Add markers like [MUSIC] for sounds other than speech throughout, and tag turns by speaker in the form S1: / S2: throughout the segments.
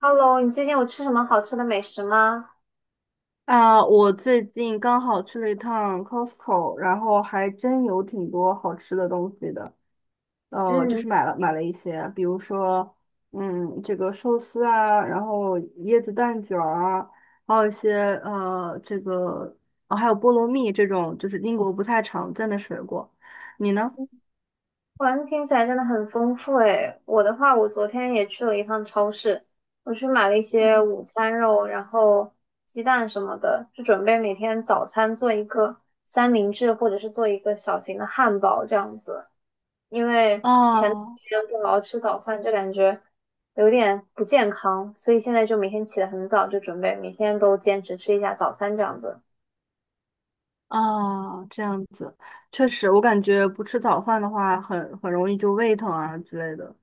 S1: Hello，你最近有吃什么好吃的美食吗？
S2: 啊，我最近刚好去了一趟 Costco，然后还真有挺多好吃的东西的。就
S1: 嗯，
S2: 是买了一些，比如说，嗯，这个寿司啊，然后椰子蛋卷儿啊，还有一些这个哦，还有菠萝蜜这种，就是英国不太常见的水果。你呢？
S1: 哇，听起来真的很丰富诶。我的话，我昨天也去了一趟超市，我去买了一些
S2: 嗯，
S1: 午餐肉，然后鸡蛋什么的，就准备每天早餐做一个三明治，或者是做一个小型的汉堡这样子。因为前段
S2: 啊
S1: 时间不好好吃早饭，就感觉有点不健康，所以现在就每天起得很早，就准备每天都坚持吃一下早餐这样子。
S2: 哦，这样子，确实，我感觉不吃早饭的话很容易就胃疼啊之类的。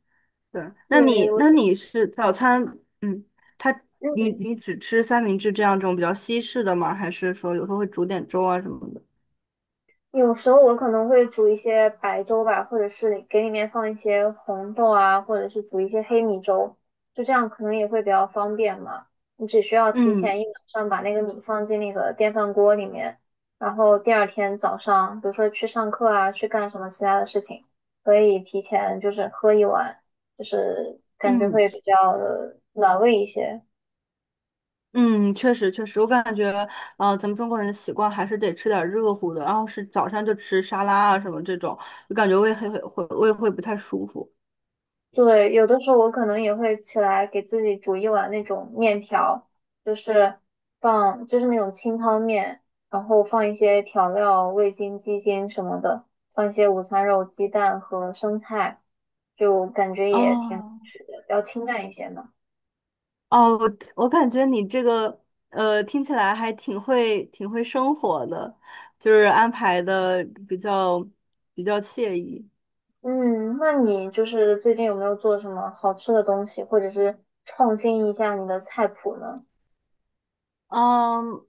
S2: 对，那
S1: 对，
S2: 你
S1: 我
S2: 那你是早餐，嗯，他你
S1: 嗯。
S2: 你只吃三明治这种比较西式的吗？还是说有时候会煮点粥啊什么的？
S1: 有时候我可能会煮一些白粥吧，或者是给里面放一些红豆啊，或者是煮一些黑米粥，就这样可能也会比较方便嘛。你只需要提
S2: 嗯
S1: 前一晚上把那个米放进那个电饭锅里面，然后第二天早上，比如说去上课啊，去干什么其他的事情，可以提前就是喝一碗，就是感觉
S2: 嗯
S1: 会比较的暖胃一些。
S2: 嗯，确实，我感觉咱们中国人的习惯还是得吃点热乎的，然后是早上就吃沙拉啊什么这种，就感觉胃会不太舒服。
S1: 对，有的时候我可能也会起来给自己煮一碗那种面条，就是放就是那种清汤面，然后放一些调料、味精、鸡精什么的，放一些午餐肉、鸡蛋和生菜，就感觉也挺好
S2: 哦
S1: 吃的，比较清淡一些嘛。
S2: 哦，我感觉你这个听起来还挺会生活的，就是安排的比较比较惬意。
S1: 嗯，那你就是最近有没有做什么好吃的东西，或者是创新一下你的菜谱呢？
S2: 嗯，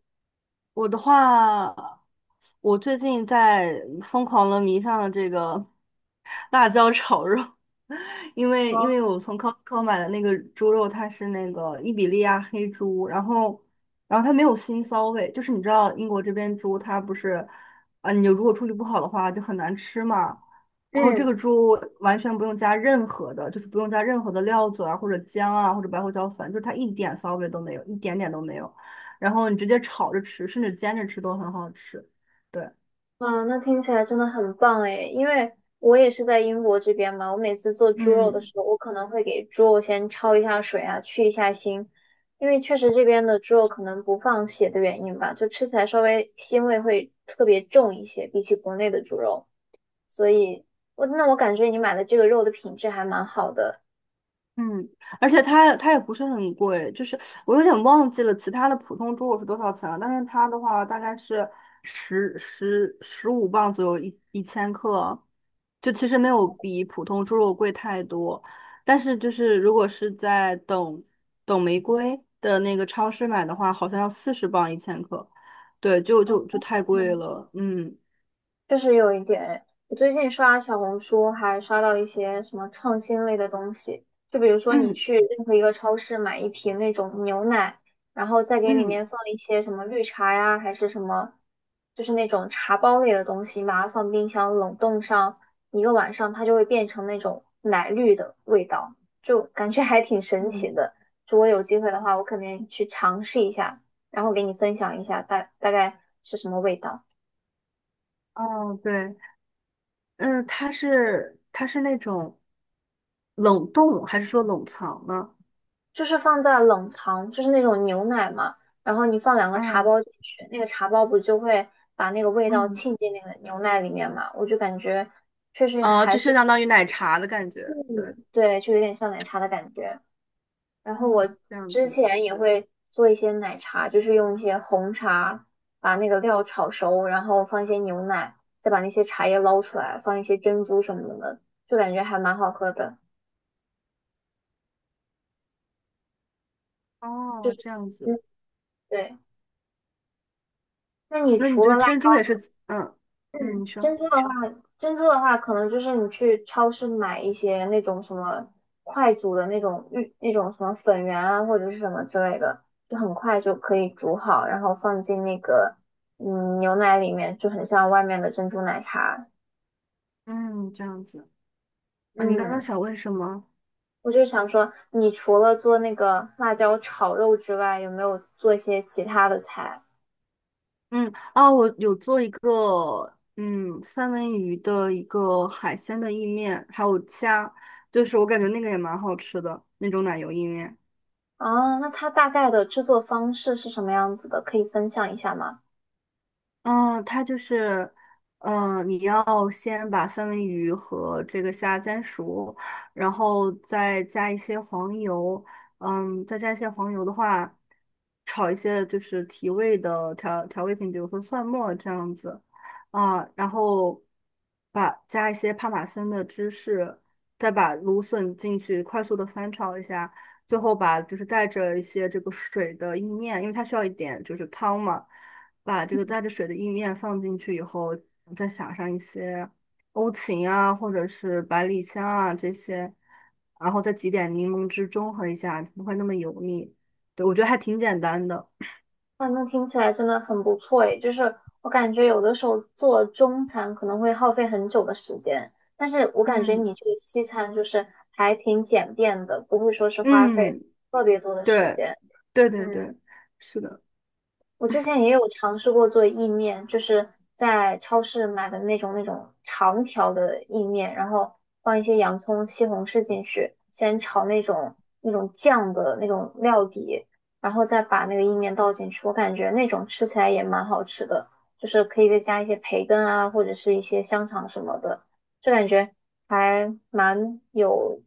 S2: 我的话，我最近在疯狂的迷上了这个 [LAUGHS] 辣椒炒肉，[LAUGHS] 因为因
S1: 哦，
S2: 为我从 Costco 买的那个猪肉，它是那个伊比利亚黑猪，然后然后它没有腥骚味，就是你知道英国这边猪它不是啊，你如果处理不好的话就很难吃嘛。然后这个
S1: 嗯。
S2: 猪完全不用加任何的，就是不用加任何的料酒啊，或者姜啊，或者白胡椒粉，就是它一点骚味都没有，一点点都没有。然后你直接炒着吃，甚至煎着吃都很好吃。对，
S1: 啊，那听起来真的很棒诶，因为我也是在英国这边嘛，我每次做猪肉的
S2: 嗯
S1: 时候，我可能会给猪肉先焯一下水啊，去一下腥，因为确实这边的猪肉可能不放血的原因吧，就吃起来稍微腥味会特别重一些，比起国内的猪肉，所以我那我感觉你买的这个肉的品质还蛮好的。
S2: 嗯，而且它也不是很贵，就是我有点忘记了其他的普通猪肉是多少钱了，但是它的话大概是十五磅左右一千克，就其实没有比普通猪肉贵太多，但是就是如果是在等玫瑰的那个超市买的话，好像要四十磅一千克，对，就
S1: 哦，
S2: 太贵了，嗯
S1: 确实有一点诶。我最近刷小红书，还刷到一些什么创新类的东西，就比如说你
S2: 嗯
S1: 去任何一个超市买一瓶那种牛奶，然后再给里
S2: 嗯。
S1: 面放一些什么绿茶呀，还是什么，就是那种茶包类的东西，把它放冰箱冷冻上一个晚上，它就会变成那种奶绿的味道，就感觉还挺神奇
S2: 嗯。
S1: 的。就我有机会的话，我肯定去尝试一下，然后给你分享一下大概是什么味道。
S2: 哦，对，嗯，它是那种冷冻还是说冷藏呢？
S1: 就是放在冷藏，就是那种牛奶嘛，然后你放两个茶
S2: 嗯
S1: 包进去，那个茶包不就会把那个味道
S2: 嗯，
S1: 沁进那个牛奶里面嘛？我就感觉，
S2: 就是相当于奶茶的感觉，对，
S1: 嗯，对，就有点像奶茶的感觉。然后我
S2: 嗯，这样
S1: 之
S2: 子，
S1: 前也会做一些奶茶，就是用一些红茶把那个料炒熟，然后放一些牛奶，再把那些茶叶捞出来，放一些珍珠什么的，就感觉还蛮好喝的。就
S2: 哦，
S1: 是，
S2: 这样
S1: 嗯，
S2: 子，
S1: 对。那你
S2: 那你
S1: 除
S2: 这
S1: 了
S2: 个珍珠也是，嗯
S1: 嗯，
S2: 嗯，你说，
S1: 珍珠的话，可能就是你去超市买一些那种什么快煮的那种玉那种什么粉圆啊，或者是什么之类的，就很快就可以煮好，然后放进那个嗯牛奶里面，就很像外面的珍珠奶茶。
S2: 嗯，这样子，啊，你刚刚
S1: 嗯，
S2: 想问什么？
S1: 我就想说，你除了做那个辣椒炒肉之外，有没有做一些其他的菜？
S2: 嗯，啊，我有做一个，嗯，三文鱼的一个海鲜的意面，还有虾，就是我感觉那个也蛮好吃的那种奶油意面。
S1: 哦，那它大概的制作方式是什么样子的？可以分享一下吗？
S2: 嗯，它就是，嗯，你要先把三文鱼和这个虾煎熟，然后再加一些黄油，嗯，再加一些黄油的话，炒一些就是提味的调味品，比如说蒜末这样子，啊，然后把加一些帕玛森的芝士，再把芦笋进去，快速的翻炒一下，最后把就是带着一些这个水的意面，因为它需要一点就是汤嘛。把这个带着水的意面放进去以后，再撒上一些欧芹啊，或者是百里香啊这些，然后再挤点柠檬汁中和一下，不会那么油腻。对，我觉得还挺简单的。
S1: 哇，那听起来真的很不错诶，就是我感觉有的时候做中餐可能会耗费很久的时间，但是我感觉
S2: 嗯
S1: 你这个西餐就是还挺简便的，不会说是花费
S2: 嗯，
S1: 特别多的时
S2: 对
S1: 间。
S2: 对对
S1: 嗯，
S2: 对，是的。
S1: 我之前也有尝试过做意面，就是在超市买的那种长条的意面，然后放一些洋葱、西红柿进去，先炒那种酱的那种料底，然后再把那个意面倒进去。我感觉那种吃起来也蛮好吃的，就是可以再加一些培根啊，或者是一些香肠什么的，就感觉还蛮有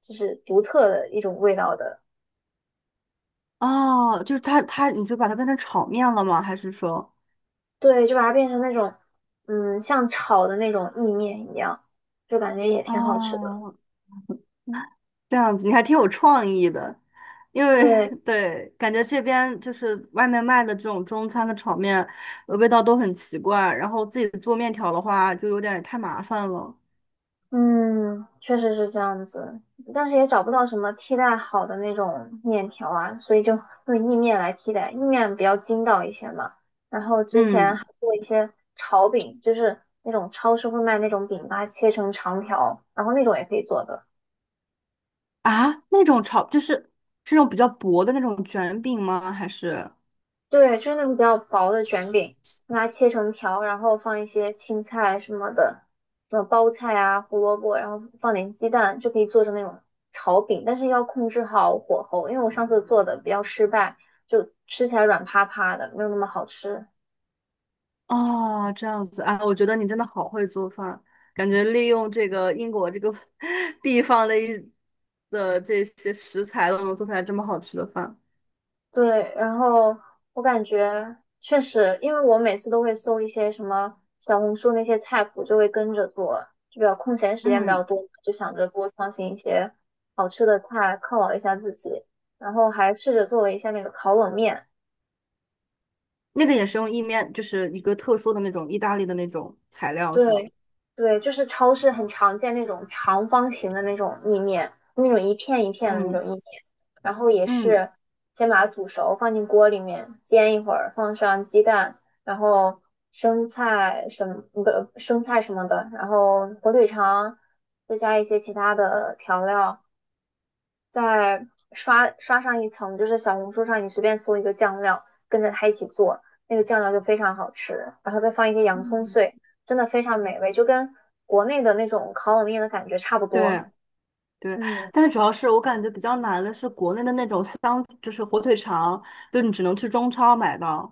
S1: 就是独特的一种味道的。
S2: 哦，就是它，你就把它变成炒面了吗？还是说，
S1: 对，就把它变成那种，嗯，像炒的那种意面一样，就感觉也挺好吃的。
S2: 哦这样子你还挺有创意的，因为
S1: 对，
S2: [LAUGHS] 对，感觉这边就是外面卖的这种中餐的炒面，呃味道都很奇怪，然后自己做面条的话就有点太麻烦了。
S1: 嗯，确实是这样子，但是也找不到什么替代好的那种面条啊，所以就用意面来替代，意面比较筋道一些嘛。然后之前
S2: 嗯，
S1: 还做一些炒饼，就是那种超市会卖那种饼，把它切成长条，然后那种也可以做的。
S2: 啊，那种炒就是是那种比较薄的那种卷饼吗？还是？
S1: 对，就是那种比较薄的卷饼，把它切成条，然后放一些青菜什么的，什么包菜啊、胡萝卜，然后放点鸡蛋，就可以做成那种炒饼。但是要控制好火候，因为我上次做的比较失败，就吃起来软趴趴的，没有那么好吃。
S2: 哦，这样子啊，我觉得你真的好会做饭，感觉利用这个英国这个 [LAUGHS] 地方的一的这些食材都能做出来这么好吃的饭。
S1: 对，然后我感觉确实，因为我每次都会搜一些什么小红书那些菜谱，就会跟着做，就比较空闲时间比
S2: 嗯。
S1: 较多，就想着多创新一些好吃的菜犒劳一下自己。然后还试着做了一下那个烤冷面，
S2: 那个也是用意面，就是一个特殊的那种意大利的那种材料，是吗？
S1: 对，对，就是超市很常见那种长方形的那种意面，那种一片一片的那
S2: 嗯
S1: 种意面，然后也
S2: 嗯
S1: 是先把它煮熟，放进锅里面煎一会儿，放上鸡蛋，然后生菜什么，不，生菜什么的，然后火腿肠，再加一些其他的调料，再刷上一层，就是小红书上你随便搜一个酱料，跟着它一起做，那个酱料就非常好吃，然后再放一些洋葱
S2: 嗯，
S1: 碎，真的非常美味，就跟国内的那种烤冷面的感觉差不多。
S2: 对对，
S1: 嗯，
S2: 但是主要是我感觉比较难的是国内的那种香，就是火腿肠，就你只能去中超买到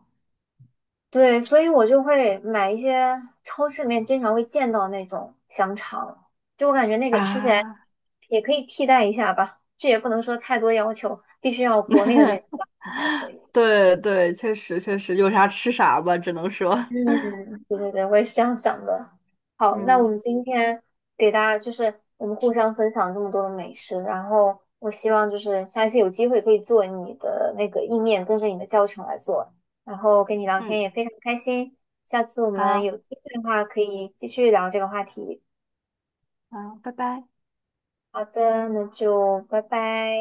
S1: 对，所以我就会买一些超市里面经常会见到那种香肠，就我感觉那个吃起来
S2: 啊。
S1: 也可以替代一下吧，这也不能说太多要求，必须要国内的那种香
S2: [LAUGHS]
S1: 肠才可以。
S2: 对对，确实，有啥吃啥吧，只能说，
S1: 嗯，对对对，我也是这样想的。
S2: [LAUGHS]
S1: 好，那我
S2: 嗯
S1: 们今天给大家就是我们互相分享这么多的美食，然后我希望就是下一次有机会可以做你的那个意面，跟着你的教程来做。然后跟你聊
S2: 嗯，
S1: 天也非常开心，下次我们
S2: 好
S1: 有机会的话可以继续聊这个话题。
S2: 好，拜拜。
S1: 好的，那就拜拜。